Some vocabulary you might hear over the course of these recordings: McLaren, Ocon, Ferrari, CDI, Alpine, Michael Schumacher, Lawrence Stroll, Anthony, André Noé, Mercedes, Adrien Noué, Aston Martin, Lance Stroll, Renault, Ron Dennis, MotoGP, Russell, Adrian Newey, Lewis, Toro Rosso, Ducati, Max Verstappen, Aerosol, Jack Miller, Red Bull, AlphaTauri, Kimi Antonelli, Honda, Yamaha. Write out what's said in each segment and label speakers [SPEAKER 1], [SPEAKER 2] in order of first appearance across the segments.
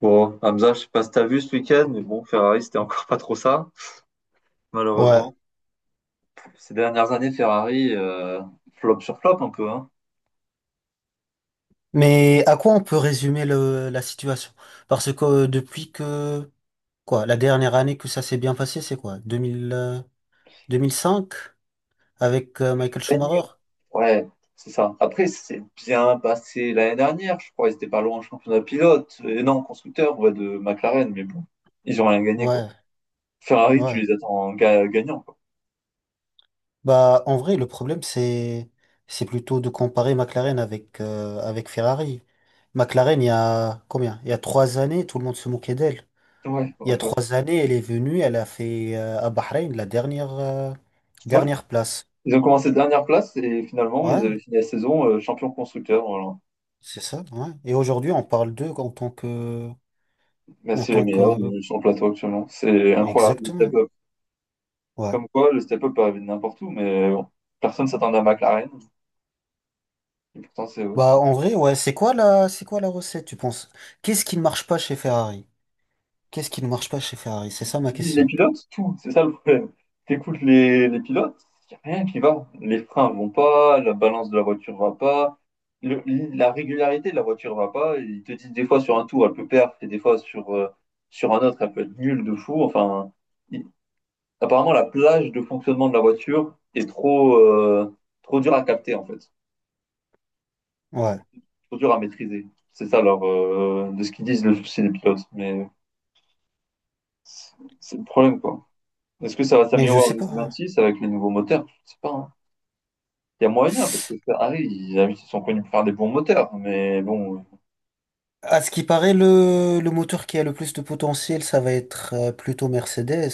[SPEAKER 1] Bon, Hamza, je sais pas si t'as vu ce week-end, mais bon, Ferrari, c'était encore pas trop ça,
[SPEAKER 2] Ouais,
[SPEAKER 1] malheureusement. Ces dernières années, Ferrari, flop sur flop un peu, hein.
[SPEAKER 2] mais à quoi on peut résumer la situation? Parce que depuis que, quoi, la dernière année que ça s'est bien passé, c'est quoi? 2000, 2005 avec
[SPEAKER 1] Oui,
[SPEAKER 2] Michael
[SPEAKER 1] ils ont gagné.
[SPEAKER 2] Schumacher?
[SPEAKER 1] Ouais, c'est ça. Après, c'est bien passé l'année dernière, je crois, ils étaient pas loin en championnat pilote, et non, constructeur, ouais, de McLaren, mais bon, ils ont rien gagné, quoi.
[SPEAKER 2] Ouais,
[SPEAKER 1] Ferrari, tu
[SPEAKER 2] ouais.
[SPEAKER 1] les attends gagnants, quoi.
[SPEAKER 2] Bah, en vrai, le problème, c'est plutôt de comparer McLaren avec, avec Ferrari. McLaren, il y a combien? Il y a trois années, tout le monde se moquait d'elle.
[SPEAKER 1] Ouais,
[SPEAKER 2] Il y a
[SPEAKER 1] ouais, ouais.
[SPEAKER 2] trois années, elle est venue, elle a fait à Bahreïn
[SPEAKER 1] Ouais,
[SPEAKER 2] dernière place.
[SPEAKER 1] ils ont commencé dernière place, et finalement, ils
[SPEAKER 2] Ouais.
[SPEAKER 1] avaient fini la saison champion constructeur, voilà.
[SPEAKER 2] C'est ça, ouais. Et aujourd'hui, on parle d'eux en tant que,
[SPEAKER 1] Mais
[SPEAKER 2] en
[SPEAKER 1] c'est les
[SPEAKER 2] tant
[SPEAKER 1] meilleurs
[SPEAKER 2] que,
[SPEAKER 1] sur le plateau actuellement. C'est incroyable, le step.
[SPEAKER 2] exactement, ouais.
[SPEAKER 1] Comme quoi, le step-up peut arriver de n'importe où, mais bon, personne s'attendait à McLaren. Et pourtant, c'est eux.
[SPEAKER 2] Bah, en vrai, ouais, c'est quoi la recette, tu penses? Qu'est-ce qui ne marche pas chez Ferrari? Qu'est-ce qui ne marche pas chez Ferrari? C'est ça ma
[SPEAKER 1] Les
[SPEAKER 2] question.
[SPEAKER 1] pilotes, tout, c'est ça le problème. T'écoutes les pilotes, il n'y a rien qui va. Les freins vont pas, la balance de la voiture va pas, le- la régularité de la voiture va pas. Ils te disent des fois sur un tour, elle peut perdre, et des fois sur, sur un autre, elle peut être nulle de fou. Enfin, il- apparemment, la plage de fonctionnement de la voiture est trop, trop dure à capter, en fait.
[SPEAKER 2] Ouais.
[SPEAKER 1] Trop dur à maîtriser. C'est ça, alors, de ce qu'ils disent, le souci des pilotes. Mais c'est c'est le problème, quoi. Est-ce que ça va
[SPEAKER 2] Mais je
[SPEAKER 1] s'améliorer en
[SPEAKER 2] sais pas, hein.
[SPEAKER 1] 2026 avec les nouveaux moteurs? Je sais pas, hein. Il y a moyen, parce que Ferrari, ils sont connus pour faire des bons moteurs. Mais bon,
[SPEAKER 2] À ce qui paraît, le moteur qui a le plus de potentiel, ça va être plutôt Mercedes.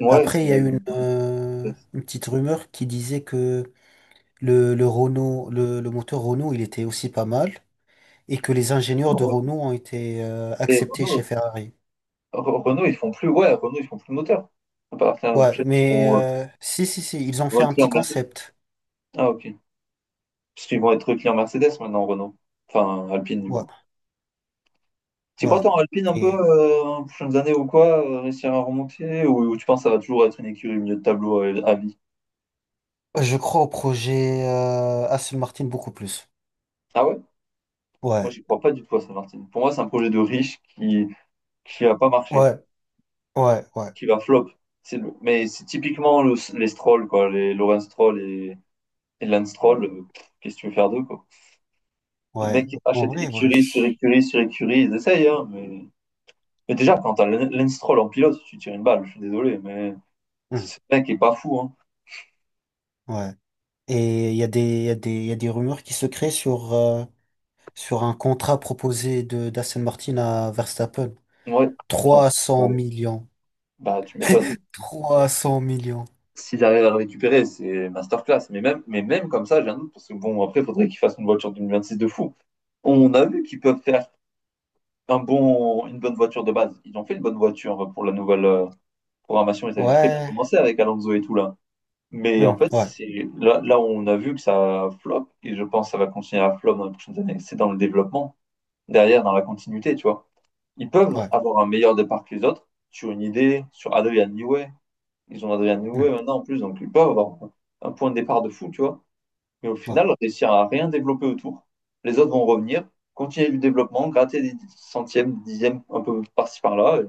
[SPEAKER 1] ouais,
[SPEAKER 2] Après, il y a
[SPEAKER 1] c'est.
[SPEAKER 2] une, euh,
[SPEAKER 1] c'est-
[SPEAKER 2] une petite rumeur qui disait que le moteur Renault, il était aussi pas mal. Et que les ingénieurs de Renault ont été
[SPEAKER 1] Et
[SPEAKER 2] acceptés chez
[SPEAKER 1] Renault,
[SPEAKER 2] Ferrari.
[SPEAKER 1] Renault, ils font plus, ouais, Renault, ils font plus de moteurs. À partir l'année
[SPEAKER 2] Ouais,
[SPEAKER 1] prochaine, ils
[SPEAKER 2] mais
[SPEAKER 1] seront,
[SPEAKER 2] si, ils ont
[SPEAKER 1] ils vont
[SPEAKER 2] fait
[SPEAKER 1] être
[SPEAKER 2] un petit
[SPEAKER 1] clients Mercedes.
[SPEAKER 2] concept.
[SPEAKER 1] Ah, ok. Parce qu'ils vont être clients Mercedes maintenant, Renault. Enfin, Alpine, du
[SPEAKER 2] Ouais,
[SPEAKER 1] coup. Tu crois
[SPEAKER 2] ouais.
[SPEAKER 1] qu'en Alpine, un peu,
[SPEAKER 2] Et
[SPEAKER 1] les prochaines années ou quoi, réussir à remonter ou tu penses que ça va toujours être une écurie au milieu de tableau à, vie?
[SPEAKER 2] je crois au projet Aston Martin beaucoup plus.
[SPEAKER 1] Ah ouais? Moi,
[SPEAKER 2] Ouais,
[SPEAKER 1] j'y crois pas du tout à Saint-Martin. Pour moi, c'est un projet de riche qui va pas marché,
[SPEAKER 2] ouais, ouais, ouais,
[SPEAKER 1] qui va flop. C'est mais c'est typiquement les Stroll, quoi, les Lawrence Stroll et Lance Stroll. Pff, qu'est-ce que tu veux faire d'eux, quoi? Les
[SPEAKER 2] ouais.
[SPEAKER 1] mecs qui
[SPEAKER 2] En
[SPEAKER 1] achètent
[SPEAKER 2] vrai, ouais.
[SPEAKER 1] écurie sur écurie sur écurie, ils essayent, hein, mais déjà, quand t'as Lance Stroll en pilote, tu tires une balle, je suis désolé, mais
[SPEAKER 2] Hmm,
[SPEAKER 1] ce mec est pas fou, hein.
[SPEAKER 2] ouais. Et il y a des, il y a des, il y a des rumeurs qui se créent sur, sur un contrat proposé de d'Aston Martin à Verstappen.
[SPEAKER 1] Ouais, j'en-
[SPEAKER 2] 300
[SPEAKER 1] ouais,
[SPEAKER 2] millions.
[SPEAKER 1] bah, tu m'étonnes.
[SPEAKER 2] 300 millions.
[SPEAKER 1] S'ils arrivent à récupérer, c'est masterclass. Mais même comme ça, j'ai un doute, parce que bon, après, il faudrait qu'ils fassent une voiture 2026 de fou. On a vu qu'ils peuvent faire une bonne voiture de base. Ils ont fait une bonne voiture pour la nouvelle programmation. Ils avaient très bien
[SPEAKER 2] Ouais.
[SPEAKER 1] commencé avec Alonso et tout là. Mais en
[SPEAKER 2] Hmm,
[SPEAKER 1] fait,
[SPEAKER 2] ouais,
[SPEAKER 1] c'est là, là où on a vu que ça flop, et je pense que ça va continuer à flop dans les prochaines années, c'est dans le développement, derrière, dans la continuité, tu vois. Ils peuvent
[SPEAKER 2] ouais.
[SPEAKER 1] avoir un meilleur départ que les autres sur une idée, sur Adrian Newey, ils ont Adrien
[SPEAKER 2] Hmm,
[SPEAKER 1] Noué maintenant en plus, donc ils peuvent avoir un point de départ de fou, tu vois. Mais au
[SPEAKER 2] ouais.
[SPEAKER 1] final, réussir à rien développer autour. Les autres vont revenir, continuer le développement, gratter des centièmes, des dixièmes, un peu par-ci par-là.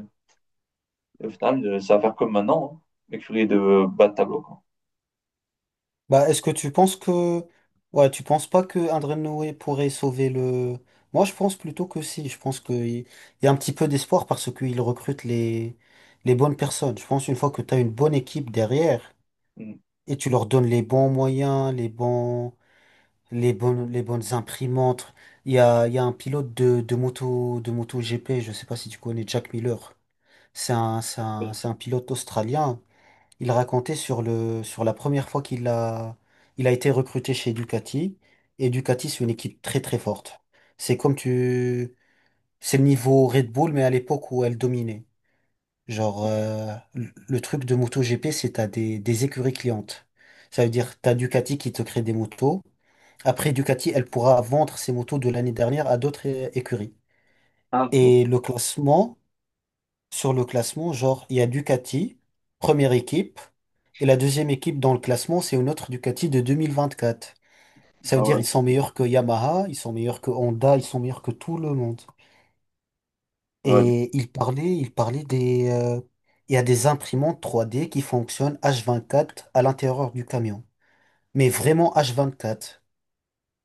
[SPEAKER 1] Et au final, ça va faire comme maintenant, mais Mercury de bas de tableau, quoi.
[SPEAKER 2] Bah, est-ce que tu penses que… Ouais, tu penses pas que André Noé pourrait sauver le… Moi, je pense plutôt que si. Je pense qu'il il y a un petit peu d'espoir parce qu'il recrute les… les bonnes personnes. Je pense une fois que tu as une bonne équipe derrière
[SPEAKER 1] Mm.
[SPEAKER 2] et tu leur donnes les bons moyens, les bonnes imprimantes. Il y a… il y a un pilote de, de moto GP, je sais pas si tu connais Jack Miller. C'est un pilote australien. Il racontait sur sur la première fois qu'il a, il a été recruté chez Ducati. Et Ducati, c'est une équipe très très forte. C'est comme tu, c'est le niveau Red Bull, mais à l'époque où elle dominait. Genre, le truc de MotoGP, c'est t'as des écuries clientes. Ça veut dire t'as Ducati qui te crée des motos. Après, Ducati, elle pourra vendre ses motos de l'année dernière à d'autres écuries.
[SPEAKER 1] Ah, ouais.
[SPEAKER 2] Et le classement, sur le classement, genre, il y a Ducati, première équipe. Et la deuxième équipe dans le classement, c'est une autre Ducati de 2024. Ça veut
[SPEAKER 1] Ah
[SPEAKER 2] dire
[SPEAKER 1] ouais,
[SPEAKER 2] ils sont meilleurs que Yamaha, ils sont meilleurs que Honda, ils sont meilleurs que tout le monde.
[SPEAKER 1] ouais, du coup,
[SPEAKER 2] Et il parlait des… il y a des imprimantes 3D qui fonctionnent H24 à l'intérieur du camion. Mais vraiment H24.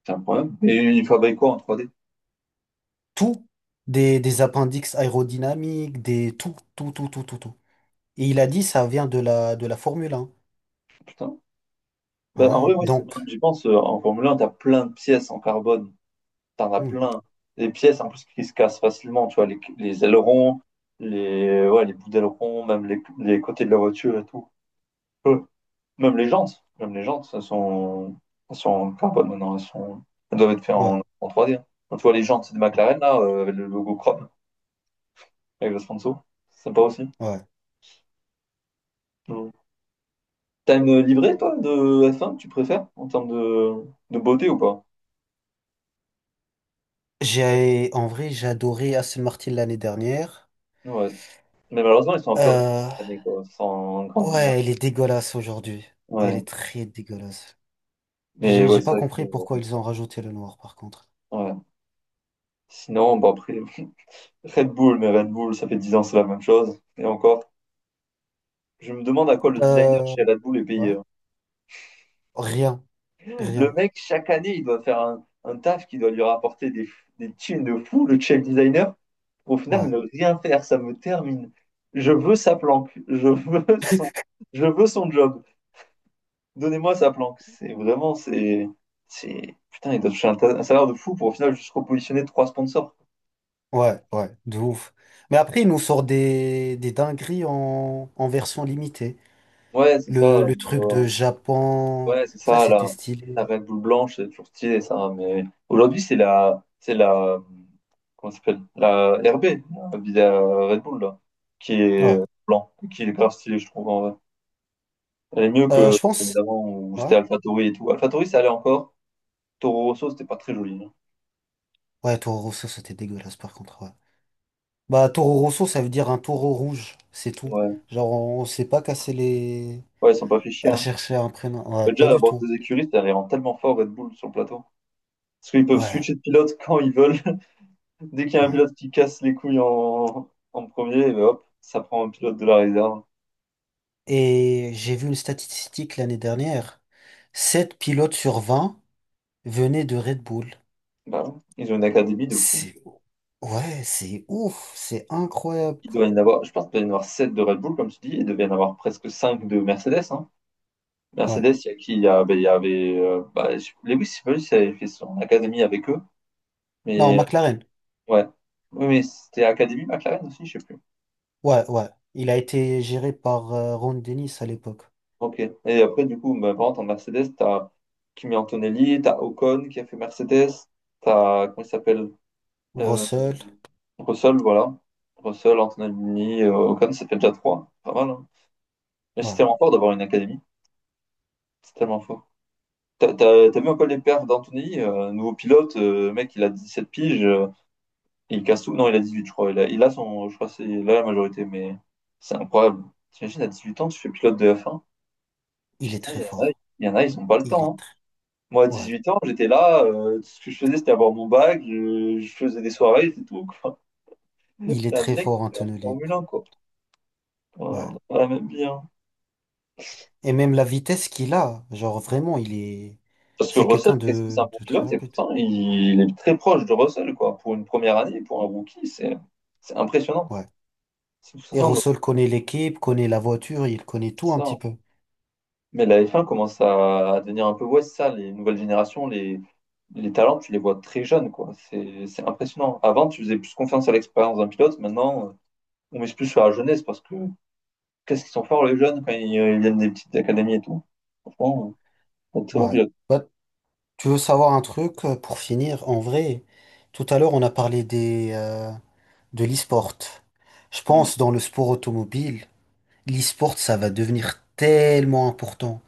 [SPEAKER 1] c'est un problème. Et ils fabriquent quoi en 3D?
[SPEAKER 2] Tout. Des appendices aérodynamiques, des tout. Et il a dit ça vient de la Formule 1.
[SPEAKER 1] Putain. Ben, en vrai,
[SPEAKER 2] Ouais.
[SPEAKER 1] oui,
[SPEAKER 2] Donc,
[SPEAKER 1] bien, j'y pense, en Formule 1, t'as plein de pièces en carbone. T'en as
[SPEAKER 2] hmm,
[SPEAKER 1] plein. Les pièces, en plus, qui se cassent facilement, tu vois, les ailerons, les, ouais, les bouts d'ailerons, même les côtés de la voiture et tout. Euh, même les jantes, elles sont, en carbone maintenant, elles doivent être faites
[SPEAKER 2] ouais,
[SPEAKER 1] en, en trois d, hein. Quand tu vois les jantes de McLaren, là, avec le logo Chrome, avec le sponsor, c'est sympa aussi.
[SPEAKER 2] ouais.
[SPEAKER 1] Mm. T'as une livrée, toi, de F1 que tu préfères, en termes de beauté ou pas?
[SPEAKER 2] J'ai, en vrai, j'ai adoré Aston Martin l'année dernière.
[SPEAKER 1] Ouais. Mais malheureusement, ils sont un peu réduits
[SPEAKER 2] Euh,
[SPEAKER 1] cette année, quoi, sans grande
[SPEAKER 2] ouais, elle
[SPEAKER 1] innovation.
[SPEAKER 2] est dégueulasse aujourd'hui. Elle
[SPEAKER 1] Ouais.
[SPEAKER 2] est très dégueulasse.
[SPEAKER 1] Mais
[SPEAKER 2] J'ai
[SPEAKER 1] ouais,
[SPEAKER 2] j'ai
[SPEAKER 1] c'est
[SPEAKER 2] pas
[SPEAKER 1] vrai
[SPEAKER 2] compris
[SPEAKER 1] que,
[SPEAKER 2] pourquoi ils ont rajouté le noir, par contre.
[SPEAKER 1] ouais. Sinon, bon, après, Red Bull, mais Red Bull, ça fait 10 ans, c'est la même chose. Et encore, je me demande à quoi le designer
[SPEAKER 2] Euh,
[SPEAKER 1] chez Red Bull est
[SPEAKER 2] ouais.
[SPEAKER 1] payé, hein.
[SPEAKER 2] Rien,
[SPEAKER 1] Le
[SPEAKER 2] rien.
[SPEAKER 1] mec, chaque année, il doit faire un taf qui doit lui rapporter des thunes de fou, le chef designer. Au final,
[SPEAKER 2] Ouais,
[SPEAKER 1] ne rien faire, ça me termine. Je veux sa planque. Je veux son, je veux son job. Donnez-moi sa planque. C'est vraiment, putain, il doit toucher un salaire de fou pour au final juste repositionner trois sponsors.
[SPEAKER 2] ouais, de ouf. Mais après, ils nous sortent des dingueries en, en version limitée.
[SPEAKER 1] Ouais, c'est ça,
[SPEAKER 2] Le truc de Japon,
[SPEAKER 1] ouais, c'est
[SPEAKER 2] ça,
[SPEAKER 1] ça,
[SPEAKER 2] c'était
[SPEAKER 1] la,
[SPEAKER 2] stylé.
[SPEAKER 1] la Red Bull blanche, c'est toujours stylé, ça. Mais aujourd'hui, c'est la, comment ça s'appelle? La RB, la Red Bull, là, qui est
[SPEAKER 2] Ouais.
[SPEAKER 1] blanc, qui est grave stylée, je trouve, en vrai. Elle est mieux que
[SPEAKER 2] Je
[SPEAKER 1] celle
[SPEAKER 2] pense.
[SPEAKER 1] d'avant où
[SPEAKER 2] Ouais.
[SPEAKER 1] c'était AlphaTauri et tout. AlphaTauri, ça allait encore. Toro Rosso, c'était pas très joli, hein.
[SPEAKER 2] Ouais, Toro Rosso, c'était dégueulasse, par contre. Ouais. Bah, Toro Rosso, ça veut dire un taureau rouge, c'est tout.
[SPEAKER 1] Ouais,
[SPEAKER 2] Genre, on s'est pas cassé les.
[SPEAKER 1] ouais, ils sont pas fait chier,
[SPEAKER 2] À
[SPEAKER 1] hein.
[SPEAKER 2] chercher un prénom. Ouais,
[SPEAKER 1] Mais
[SPEAKER 2] pas
[SPEAKER 1] déjà, à
[SPEAKER 2] du
[SPEAKER 1] bord
[SPEAKER 2] tout.
[SPEAKER 1] des écuries, ça les rend tellement fort, Red Bull, sur le plateau. Parce qu'ils peuvent
[SPEAKER 2] Ouais,
[SPEAKER 1] switcher de pilote quand ils veulent. Dès qu'il y a un
[SPEAKER 2] ouais.
[SPEAKER 1] pilote qui casse les couilles en, en premier, eh ben hop, ça prend un pilote de la réserve.
[SPEAKER 2] Et j'ai vu une statistique l'année dernière. 7 pilotes sur 20 venaient de Red Bull.
[SPEAKER 1] Bah ouais. Ils ont une académie de fou.
[SPEAKER 2] C'est… Ouais, c'est ouf. C'est incroyable.
[SPEAKER 1] Il doit y en avoir, je pense qu'il doit y en avoir 7 de Red Bull, comme tu dis, et il doit y en avoir presque 5 de Mercedes, hein.
[SPEAKER 2] Ouais.
[SPEAKER 1] Mercedes, il y a qui? Bah, il y avait bah, Lewis, je sais pas si il avait fait son académie avec eux,
[SPEAKER 2] Non,
[SPEAKER 1] mais
[SPEAKER 2] McLaren.
[SPEAKER 1] ouais. Oui, mais c'était Académie McLaren aussi, je sais plus.
[SPEAKER 2] Ouais. Il a été géré par Ron Dennis à l'époque.
[SPEAKER 1] Ok. Et après, du coup, bah, par contre, en Mercedes, t'as Kimi Antonelli, t'as Ocon qui a fait Mercedes, t'as, comment il s'appelle? Euh,
[SPEAKER 2] Russell.
[SPEAKER 1] Russell, voilà. Russell, Antonelli, Ocon, ça fait déjà 3. Pas mal, hein. Mais c'était
[SPEAKER 2] Ouais.
[SPEAKER 1] encore d'avoir une académie. C'est tellement faux. T'as vu un peu les perfs d'Anthony, nouveau pilote, le mec, il a 17 piges, il casse tout. Non, il a 18 je crois. Il a son, je crois, que c'est il a la majorité, mais c'est incroyable. T'imagines, à 18 ans, tu fais pilote de F1.
[SPEAKER 2] Il est
[SPEAKER 1] Putain,
[SPEAKER 2] très fort.
[SPEAKER 1] il y en a, ils ont pas le
[SPEAKER 2] Il est
[SPEAKER 1] temps, hein.
[SPEAKER 2] très…
[SPEAKER 1] Moi, à dix
[SPEAKER 2] Ouais.
[SPEAKER 1] huit ans, j'étais là, tout ce que je faisais, c'était avoir mon bac, je faisais des soirées, c'est tout, quoi.
[SPEAKER 2] Il est
[SPEAKER 1] T'as un
[SPEAKER 2] très
[SPEAKER 1] mec
[SPEAKER 2] fort en
[SPEAKER 1] qui est en
[SPEAKER 2] tenue
[SPEAKER 1] Formule 1,
[SPEAKER 2] libre.
[SPEAKER 1] quoi. Voilà,
[SPEAKER 2] Ouais.
[SPEAKER 1] on a pas la même vie, hein.
[SPEAKER 2] Et même la vitesse qu'il a, genre vraiment, il est…
[SPEAKER 1] Parce que
[SPEAKER 2] C'est
[SPEAKER 1] Russell,
[SPEAKER 2] quelqu'un
[SPEAKER 1] qu'est-ce que c'est un bon
[SPEAKER 2] de très
[SPEAKER 1] pilote? Et
[SPEAKER 2] rapide.
[SPEAKER 1] pourtant, il est très proche de Russell, quoi. Pour une première année, pour un rookie, c'est impressionnant.
[SPEAKER 2] Ouais.
[SPEAKER 1] C'est tout ça,
[SPEAKER 2] Aerosol connaît l'équipe, connaît la voiture, il connaît tout
[SPEAKER 1] c'est
[SPEAKER 2] un
[SPEAKER 1] ça.
[SPEAKER 2] petit peu.
[SPEAKER 1] Mais la F1 commence à devenir un peu, ouais, c'est ça, les nouvelles générations, les talents, tu les vois très jeunes, quoi. C'est impressionnant. Avant, tu faisais plus confiance à l'expérience d'un pilote. Maintenant, on mise plus sur la jeunesse parce que qu'est-ce qu'ils sont forts, les jeunes, quand ils viennent des petites académies et tout. Franchement, c'est un très bon
[SPEAKER 2] Ouais.
[SPEAKER 1] pilote.
[SPEAKER 2] Bah, tu veux savoir un truc pour finir? En vrai, tout à l'heure, on a parlé des, de l'e-sport. Je
[SPEAKER 1] Mm.
[SPEAKER 2] pense dans le sport automobile, l'e-sport, ça va devenir tellement important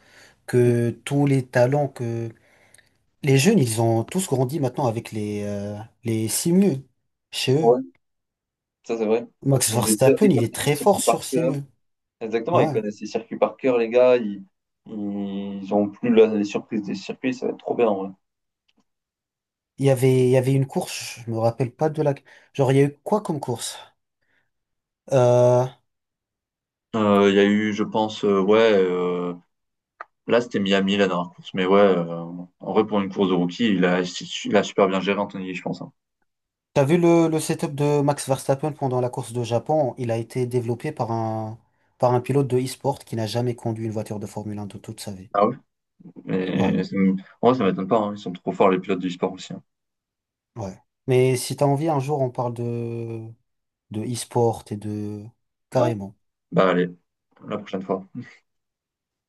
[SPEAKER 2] que tous les talents que les jeunes, ils ont tous grandi maintenant avec les simus chez eux.
[SPEAKER 1] Ouais, ça, c'est vrai.
[SPEAKER 2] Max
[SPEAKER 1] Ils ont des,
[SPEAKER 2] Verstappen,
[SPEAKER 1] ils
[SPEAKER 2] il est
[SPEAKER 1] connaissent des
[SPEAKER 2] très fort
[SPEAKER 1] circuits par
[SPEAKER 2] sur
[SPEAKER 1] cœur.
[SPEAKER 2] simu.
[SPEAKER 1] Exactement, ils
[SPEAKER 2] Ouais.
[SPEAKER 1] connaissent les circuits par cœur, les gars. Ils ont plus les surprises des circuits, ça va être trop bien, en vrai.
[SPEAKER 2] Il y avait une course, je me rappelle pas de la… Genre, il y a eu quoi comme course? Euh,
[SPEAKER 1] Il y a eu, je pense, ouais, là c'était Miami la dernière course, mais ouais, en vrai pour une course de rookie, il a super bien géré Anthony, je pense, hein.
[SPEAKER 2] t'as vu le setup de Max Verstappen pendant la course de Japon? Il a été développé par un pilote de e-sport qui n'a jamais conduit une voiture de Formule 1 de toute sa vie.
[SPEAKER 1] Ah ouais?
[SPEAKER 2] Ouais,
[SPEAKER 1] Mais en vrai, ça m'étonne pas, hein, ils sont trop forts les pilotes du sport aussi, hein.
[SPEAKER 2] ouais. Mais si t'as envie, un jour, on parle de e-sport et de…
[SPEAKER 1] Ouais,
[SPEAKER 2] Carrément.
[SPEAKER 1] bah allez, la prochaine fois.